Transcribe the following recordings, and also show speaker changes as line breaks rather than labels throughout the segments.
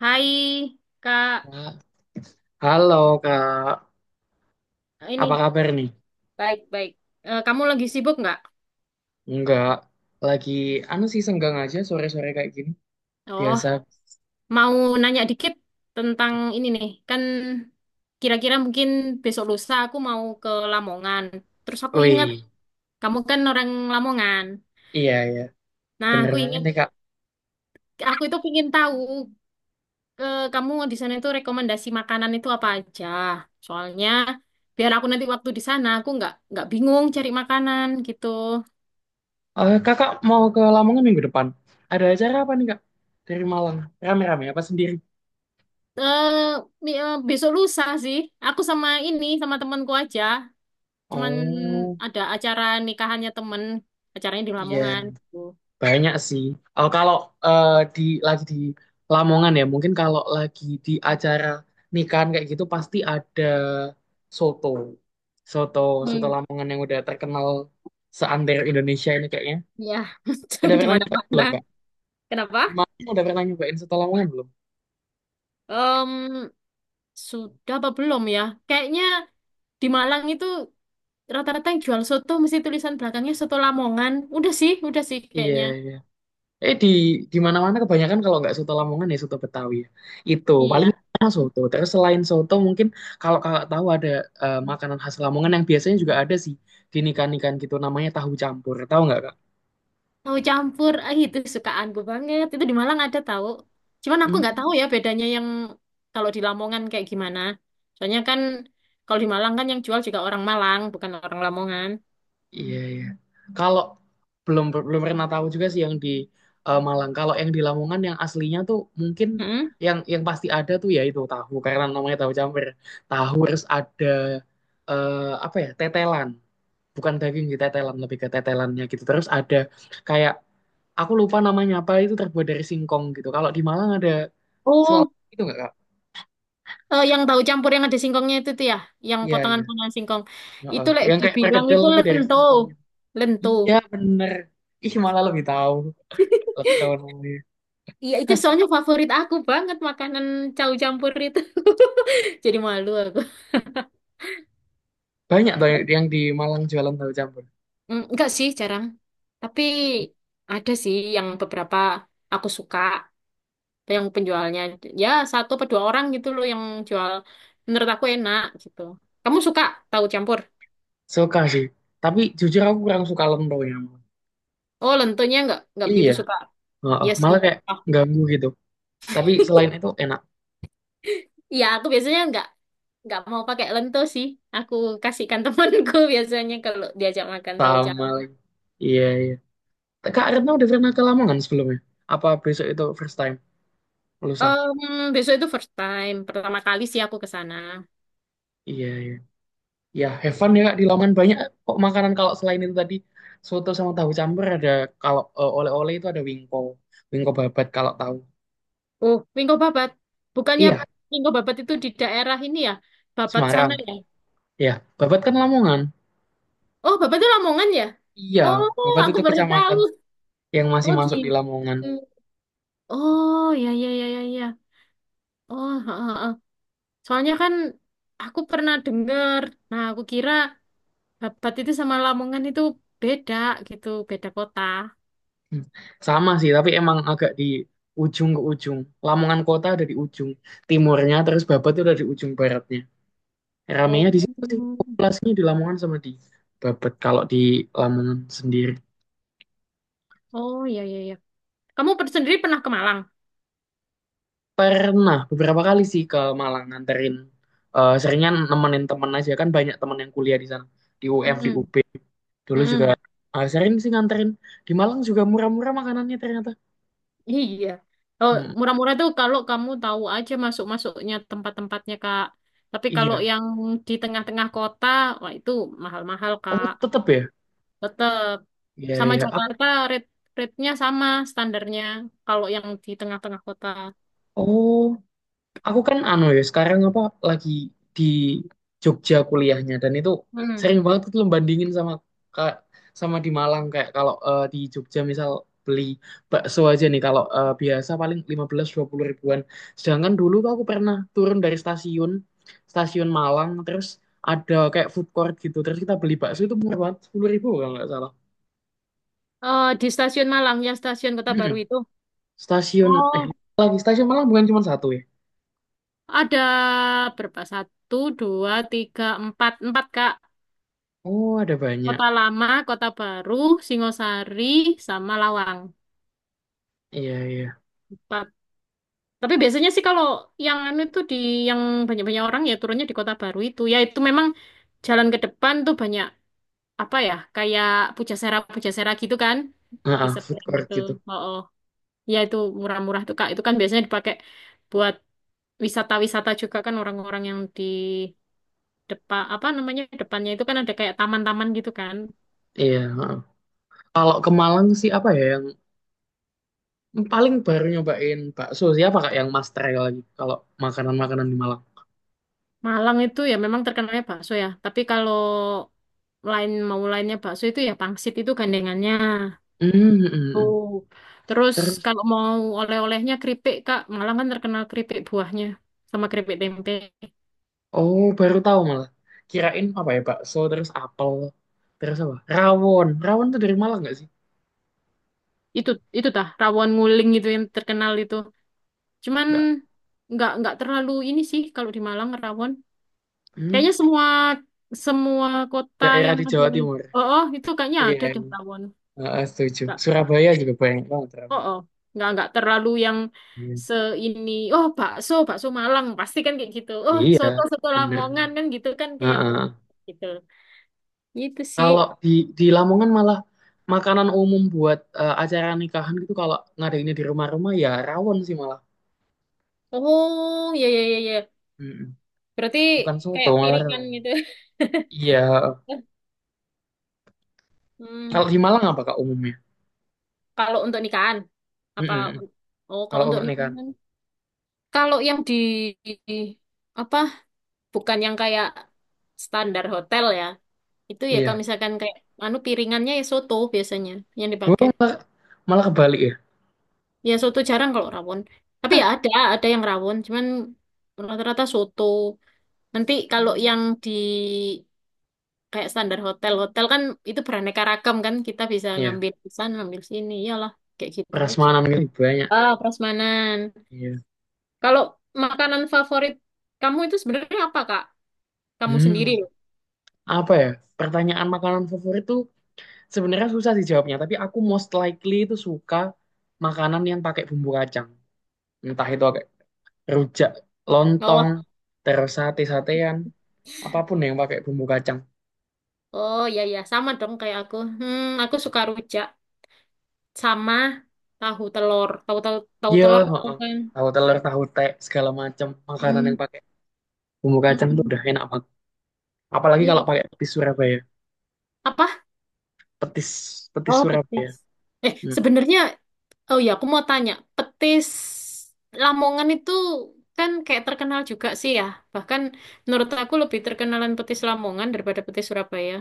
Hai, Kak.
Kak. Halo Kak,
Ini
apa kabar nih?
baik-baik. Eh, kamu lagi sibuk nggak?
Enggak, lagi anu sih senggang aja sore-sore kayak gini.
Oh,
Biasa.
mau nanya dikit tentang ini nih. Kan kira-kira mungkin besok lusa aku mau ke Lamongan. Terus aku ingat
Wih,
kamu kan orang Lamongan.
iya iya,
Nah,
bener
aku
banget
ingat
nih Kak.
aku itu ingin tahu ke kamu di sana itu rekomendasi makanan itu apa aja. Soalnya biar aku nanti waktu di sana aku nggak bingung cari makanan gitu.
Kakak mau ke Lamongan minggu depan? Ada acara apa nih Kak? Dari Malang, rame-rame apa sendiri?
Eh, mi- eh, besok lusa sih. Aku sama ini sama temanku aja. Cuman
Oh,
ada acara nikahannya temen. Acaranya di
iya.
Lamongan. Tuh.
Banyak sih. Oh, kalau eh, di di Lamongan ya, mungkin kalau lagi di acara nikahan kayak gitu pasti ada soto. Soto, soto
Hmm.
Lamongan yang udah terkenal seantero Indonesia ini kayaknya.
Ya,
Udah
di
pernah nyobain
mana-mana.
belum, Kak?
Kenapa?
Gimana? Udah pernah nyobain soto Lamongan belum?
Em, sudah apa belum ya? Kayaknya di Malang itu rata-rata yang jual soto mesti tulisan belakangnya soto Lamongan. Udah sih
Iya,
kayaknya.
Eh di di mana-mana kebanyakan kalau nggak soto Lamongan ya soto Betawi ya. Itu paling
Iya.
enak soto. Terus selain soto mungkin kalau kakak tahu ada makanan khas Lamongan yang biasanya juga ada sih di nikahan-nikahan gitu namanya tahu campur. Tahu nggak kak?
Tahu campur, ah itu sukaanku banget. Itu di Malang ada tahu. Cuman aku
Hmm.
nggak tahu ya bedanya yang kalau di Lamongan kayak gimana. Soalnya kan kalau di Malang kan yang jual juga orang Malang, bukan orang Lamongan.
Iya iya. Kalau belum belum pernah tahu juga sih yang di Malang. Kalau yang di Lamongan yang aslinya tuh mungkin
Mm-mm.
yang pasti ada tuh ya itu tahu karena namanya tahu campur. Tahu harus ada eh, apa ya tetelan. Bukan daging sih tetelan lebih ke tetelannya gitu terus ada kayak aku lupa namanya apa itu terbuat dari singkong gitu kalau di Malang ada selap
Oh,
itu nggak kak.
yang tahu campur yang ada singkongnya itu tuh ya, yang
Iya iya.
potongan-potongan singkong.
Heeh,
Itu lek
yang kayak
dibilang
perkedel
itu
tapi dari
lento,
singkong.
lento.
Iya bener, ih malah lebih tahu, lebih tahu namanya.
Iya itu soalnya favorit aku banget makanan tahu campur itu. Jadi malu aku.
Banyak tuh yang di Malang jualan tahu campur.
Mm, enggak sih, jarang. Tapi ada sih yang beberapa aku suka, yang penjualnya. Ya, satu atau dua orang gitu loh yang jual. Menurut aku enak gitu. Kamu suka tahu campur?
Suka sih, tapi jujur aku kurang suka lentonya.
Oh, lentonya enggak
Iya.
begitu suka.
Heeh,
Iya sih.
malah kayak
Oh,
ganggu gitu, tapi selain itu enak.
iya, aku biasanya enggak mau pakai lento sih. Aku kasihkan temanku biasanya kalau diajak makan tahu
Sama
campur.
lagi. Iya iya. Kak Retno udah pernah ke Lamongan sebelumnya? Apa besok itu first time? Lusa?
Besok itu first time, pertama kali sih aku ke sana.
Iya, iya. Ya, have fun ya Kak. Di Lamongan banyak kok makanan kalau selain itu tadi. Soto sama tahu campur ada, kalau oleh-oleh itu ada wingko. Wingko babat kalau tahu.
Oh, Wingko Babat. Bukannya
Iya,
Wingko Babat itu di daerah ini ya? Babat
Semarang.
sana ya?
Iya, babat kan Lamongan.
Oh, Babat itu Lamongan ya?
Iya,
Oh,
babat
aku
itu
baru
kecamatan
tahu.
yang masih
Oh
masuk di
gitu.
Lamongan.
Oh, ya ya ya ya ya. Oh, ha, ha, ha. Soalnya kan aku pernah dengar. Nah, aku kira Babat itu sama Lamongan itu beda gitu, beda kota.
Hmm. Sama sih, tapi emang agak di ujung ke ujung. Lamongan kota ada di ujung timurnya, terus babat itu ada di ujung baratnya. Ramenya di situ sih
Oh.
populasinya di Lamongan sama di Babet. Kalau di Lamongan sendiri
Oh, ya ya ya. Kamu sendiri pernah ke Malang?
pernah beberapa kali sih ke Malang nganterin, seringnya nemenin temen aja kan banyak temen yang kuliah di sana di UM di
Mm-mm.
UB dulu juga,
Mm-mm.
sering sih nganterin di Malang juga murah-murah makanannya ternyata.
Iya. Oh,
Hmm,
murah-murah tuh kalau kamu tahu aja masuk-masuknya tempat-tempatnya, Kak. Tapi kalau
iya.
yang di tengah-tengah kota, wah itu mahal-mahal,
Oh
Kak.
tetep ya.
Tetap
Iya
sama
iya. Aku
Jakarta rate rate-nya sama standarnya kalau yang di tengah-tengah kota.
oh, aku kan sekarang apa lagi di Jogja kuliahnya dan itu
Hmm.
sering banget tuh lo bandingin sama ka- sama di Malang kayak kalau di Jogja misal beli bakso aja nih kalau biasa paling 15 20 ribuan. Sedangkan dulu tuh aku pernah turun dari stasiun stasiun Malang terus ada kayak food court gitu. Terus kita beli bakso itu murah banget 10 ribu kalau nggak salah.
Eh, di stasiun Malang ya, stasiun Kota
Mm-mm.
Baru itu.
Stasiun eh
Oh,
lagi stasiun Malang bukan cuma satu ya.
ada berapa? Satu, dua, tiga, empat. Empat, Kak.
Oh, ada banyak.
Kota Lama, Kota Baru, Singosari, sama Lawang.
Iya, iya.
Tapi biasanya sih kalau yang anu itu di yang banyak-banyak orang ya turunnya di Kota Baru itu. Ya itu memang jalan ke depan tuh banyak apa ya kayak pujasera-pujasera gitu kan di
Heeh, food
seberang
court
itu.
gitu.
Oh, oh. Ya itu murah-murah tuh Kak. Itu kan biasanya dipakai buat wisata-wisata juga kan orang-orang yang di depan apa namanya depannya itu kan ada kayak taman-taman gitu kan.
Iya, heeh. Kalau ke Malang sih apa ya yang paling baru nyobain bakso siapa kak yang mas try lagi kalau makanan-makanan di Malang.
Malang itu ya memang terkenalnya bakso ya. Tapi kalau lain mau lainnya bakso itu ya pangsit itu gandengannya.
Hmm, hmm, hmm,
Tuh.
hmm.
Terus
Terus
kalau mau oleh-olehnya keripik, Kak, Malang kan terkenal keripik buahnya sama keripik tempe.
oh, baru tahu malah. Kirain apa ya bakso terus apel terus apa? Rawon. Rawon tuh dari Malang nggak sih?
Itu itu tah rawon nguling itu yang terkenal itu. Cuman
Nggak.
nggak terlalu ini sih kalau di Malang rawon.
Hmm,
Kayaknya semua semua kota
daerah
yang
di
ada,
Jawa Timur.
oh, oh itu kayaknya
Iya.
ada deh rawon.
Heeh, setuju.
Nggak,
Surabaya juga banyak banget rawon.
oh, oh, nggak terlalu yang
Iya.
se ini, oh bakso bakso Malang pasti kan kayak gitu. Oh
Iya,
soto soto Lamongan
bener-bener.
kan gitu kan kayak oh, gitu. Itu
Kalau
sih.
di Lamongan malah makanan umum buat acara nikahan gitu kalau ngadainnya di rumah-rumah ya rawon sih malah.
Oh, ya ya ya ya.
Mm-mm.
Berarti
Bukan soto
kayak
malah
piringan
rawon.
gitu.
Iya.
Hmm,
Kalau di Malang apa kak umumnya?
kalau untuk nikahan apa.
Mm-mm.
Oh, kalau
Kalau
untuk
untuk nikahan.
nikahan. Kalau yang di- apa? Bukan yang kayak standar hotel ya. Itu ya kalau
Iya.
misalkan kayak anu piringannya ya soto biasanya yang
Gua
dipakai.
malah, malah kebalik ya.
Ya soto jarang kalau rawon. Tapi ya ada yang rawon, cuman rata-rata soto. Nanti kalau
Hmm.
yang di kayak standar hotel. Hotel kan itu beraneka ragam kan, kita bisa
Iya.
ngambil di sana, ngambil sini. Iyalah, kayak gitu aja.
Prasmanan gitu banyak.
Ah, prasmanan.
Iya.
Kalau makanan favorit kamu itu sebenarnya apa, Kak? Kamu sendiri
Hmm.
loh.
Apa ya? Pertanyaan makanan favorit tuh sebenarnya susah sih jawabnya. Tapi aku most likely itu suka makanan yang pakai bumbu kacang. Entah itu rujak,
Oh,
lontong, terus sate-satean, apapun yang pakai bumbu kacang.
oh ya ya, sama dong kayak aku. Hmm, aku suka rujak sama tahu telur. Tahu tahu tahu
Iya,
telur tuh
heeh.
kan.
Tahu telur, tahu tek, segala macam makanan yang
Hmm,
pakai bumbu
mm,
kacang tuh
mm.
udah enak banget, apalagi
Iya.
kalau pakai petis Surabaya.
Apa?
Petis petis
Oh, petis.
Surabaya.
Eh,
Hmm.
sebenarnya. Oh ya, aku mau tanya, petis Lamongan itu kan kayak terkenal juga sih ya. Bahkan menurut aku lebih terkenalan petis Lamongan daripada petis Surabaya.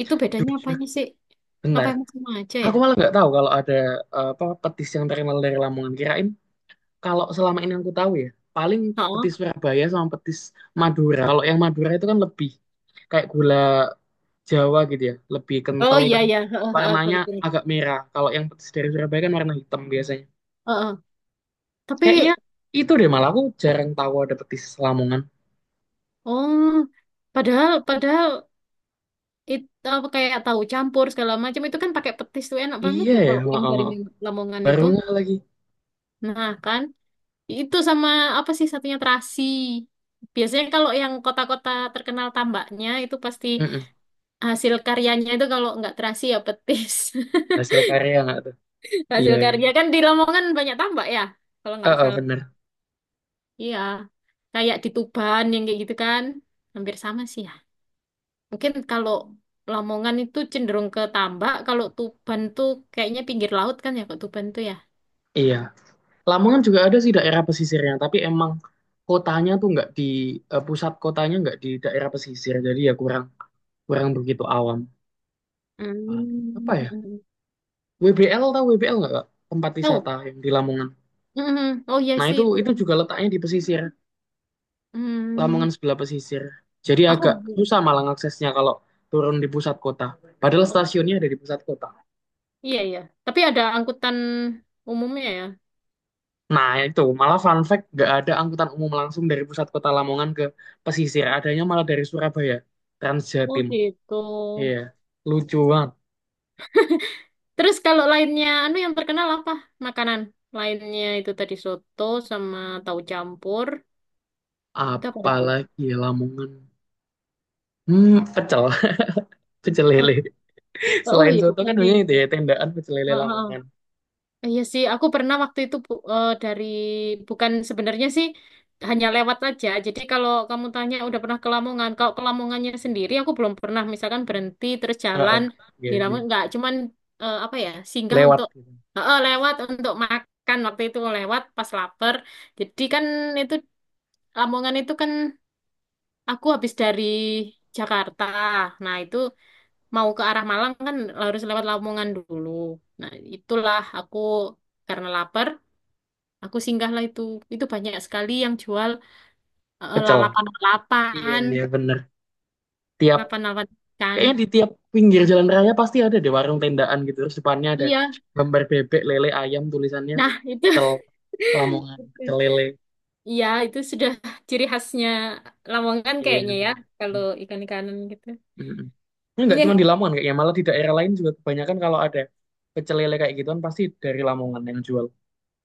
Itu bedanya
Jujur
apanya sih? Apa
benar,
emang sama aja ya?
aku malah nggak tahu kalau ada apa petis yang terkenal dari Lamongan. Kirain kalau selama ini yang aku tahu ya paling
Oh,
petis Surabaya sama petis Madura. Kalau yang Madura itu kan lebih kayak gula Jawa gitu ya, lebih
oh
kental
iya
dan
iya, heeh, heeh,
warnanya
kepikiran.
agak merah. Kalau yang petis dari Surabaya kan warna hitam biasanya.
Heeh.
Kayaknya
Tapi
itu deh, malah aku jarang tahu ada petis Lamongan.
oh, padahal padahal itu apa kayak tahu campur segala macam itu kan pakai petis tuh enak banget
Iya
loh
ya,
kalau yang dari
heeh.
Lamongan
Baru
itu.
nggak lagi.
Nah, kan? Itu sama apa sih satunya terasi. Biasanya kalau yang kota-kota terkenal tambaknya itu pasti
Mm-mm.
hasil karyanya itu kalau nggak terasi ya petis.
Hasil karya nggak tuh? Iya,
Hasil
iya.
karya kan di Lamongan banyak tambak ya, kalau nggak
Heeh,
salah.
bener.
Iya, kayak di Tuban yang kayak gitu kan, hampir sama sih ya. Mungkin kalau Lamongan itu cenderung ke tambak, kalau Tuban tuh kayaknya pinggir laut kan ya, kok Tuban tuh ya.
Iya. Lamongan juga ada sih daerah pesisirnya, tapi emang kotanya tuh nggak di eh, pusat kotanya nggak di daerah pesisir, jadi ya kurang kurang begitu awam. Paling apa ya?
Hmm.
WBL, tahu WBL nggak, Kak? Tempat wisata
Oh,
yang di Lamongan.
mm, oh iya
Nah
sih itu
itu
kan.
juga letaknya di pesisir,
Hmm,
Lamongan sebelah pesisir. Jadi
aku.
agak susah malah aksesnya kalau turun di pusat kota. Padahal stasiunnya ada di pusat kota.
Iya, iya. Tapi ada angkutan umumnya ya.
Nah itu malah fun fact nggak ada angkutan umum langsung dari pusat kota Lamongan ke pesisir. Adanya malah dari Surabaya,
Oh
Transjatim.
gitu.
Iya, lucu banget.
Terus kalau lainnya, anu yang terkenal apa? Makanan. Lainnya itu tadi soto sama tahu campur. Itu apa lagi?
Apalagi ya Lamongan. Hmm, pecel, pecel lele.
Oh, oh
Selain
iya,
soto
bisa
kan
di
banyak itu ya
sini.
tendaan pecel lele Lamongan.
Iya sih, aku pernah waktu itu dari bukan sebenarnya sih hanya lewat aja. Jadi kalau kamu tanya udah pernah ke Lamongan, kalau ke Lamongannya sendiri aku belum pernah misalkan berhenti terus
Heeh.
jalan
Iya,
di
iya.
Lamongan nggak cuman apa ya, singgah
Lewat
untuk
gitu.
lewat untuk makan waktu itu lewat pas lapar. Jadi kan itu Lamongan itu kan aku habis dari Jakarta. Nah, itu mau ke arah Malang kan harus lewat Lamongan dulu. Nah, itulah aku karena lapar. Aku singgahlah itu. Itu banyak sekali yang jual
Pecel. Iya,
lalapan-lalapan,
iya bener. Tiap
lalapan-lalapan ikan.
Kayaknya di tiap pinggir jalan raya pasti ada deh warung tendaan gitu. Terus depannya ada
Iya,
gambar bebek, lele, ayam, tulisannya
nah itu.
pecel Lamongan, pecel lele.
Iya, itu sudah ciri khasnya Lamongan
Iya,
kayaknya ya,
bener.
kalau ikan-ikanan gitu.
Mm-mm. Ini nggak cuma di
Iya.
Lamongan kayaknya, malah di daerah lain juga kebanyakan kalau ada pecel lele kayak gituan pasti dari Lamongan yang jual.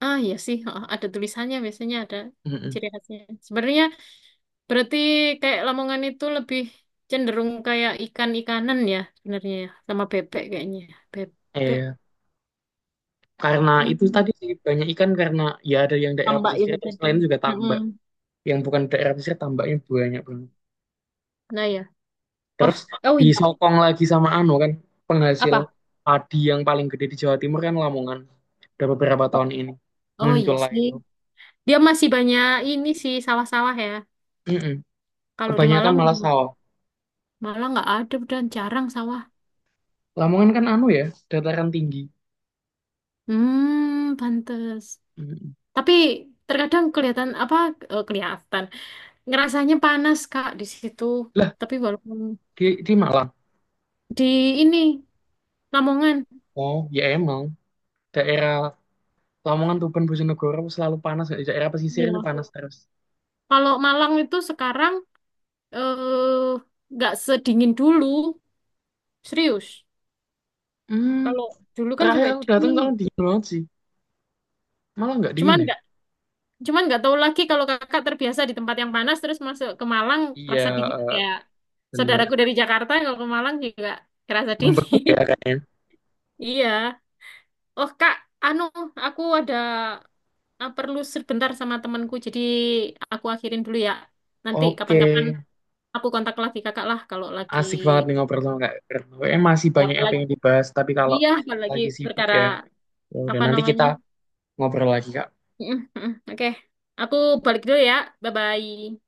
Ah, iya sih, oh, ada tulisannya biasanya ada
Mm-mm.
ciri khasnya. Sebenarnya berarti kayak Lamongan itu lebih cenderung kayak ikan-ikanan ya sebenarnya ya, sama bebek kayaknya. Bebek,
Iya. Karena itu tadi
mm,
sih banyak ikan karena ya ada yang daerah
tambak
pesisir
itu
terus
tadi.
lain juga
Mm-mm.
tambak. Yang bukan daerah pesisir tambaknya banyak banget.
Nah, ya. Oh,
Terus
oh iya.
disokong lagi sama anu kan penghasil
Apa?
padi yang paling gede di Jawa Timur kan Lamongan. Udah beberapa
Oh,
tahun ini
oh
muncul
iya
lah
sih.
itu.
Dia masih banyak ini sih sawah-sawah ya.
Mm-mm.
Kalau di
Kebanyakan
Malang,
malah sawah.
Malang nggak ada dan jarang sawah.
Lamongan kan dataran tinggi.
Hmm, pantes.
Mm-mm.
Tapi terkadang kelihatan apa kelihatan ngerasanya panas Kak di situ.
Lah
Tapi walaupun
di Malang.
di ini Lamongan,
Oh ya emang daerah Lamongan, Tuban, Bojonegoro selalu panas. Daerah pesisir ini
iya.
panas terus.
Kalau Malang itu sekarang eh nggak sedingin dulu, serius.
Hmm,
Kalau dulu kan
terakhir
sampai
aku datang
dingin.
soalnya dingin banget sih. Malah nggak dingin
Cuman
ya.
Cuman nggak tahu lagi kalau kakak terbiasa di tempat yang panas terus masuk ke Malang
Iya,
rasa dingin
eh,
kayak
bener.
saudaraku dari Jakarta yang kalau ke Malang juga kerasa
Membeku
dingin.
ya kayaknya.
Iya. Oh kak, anu aku ada perlu sebentar sama temanku jadi aku akhirin dulu ya. Nanti
Oke.
kapan-kapan aku kontak lagi kakak lah kalau lagi
Asik banget nih ngobrol sama Kak Retno. Masih
ya
banyak
kalau
yang
lagi
pengen dibahas, tapi kalau
iya kalau lagi
lagi sibuk
perkara
ya. Ya udah
apa
nanti kita
namanya.
ngobrol lagi Kak.
Oke, aku balik dulu ya. Bye-bye.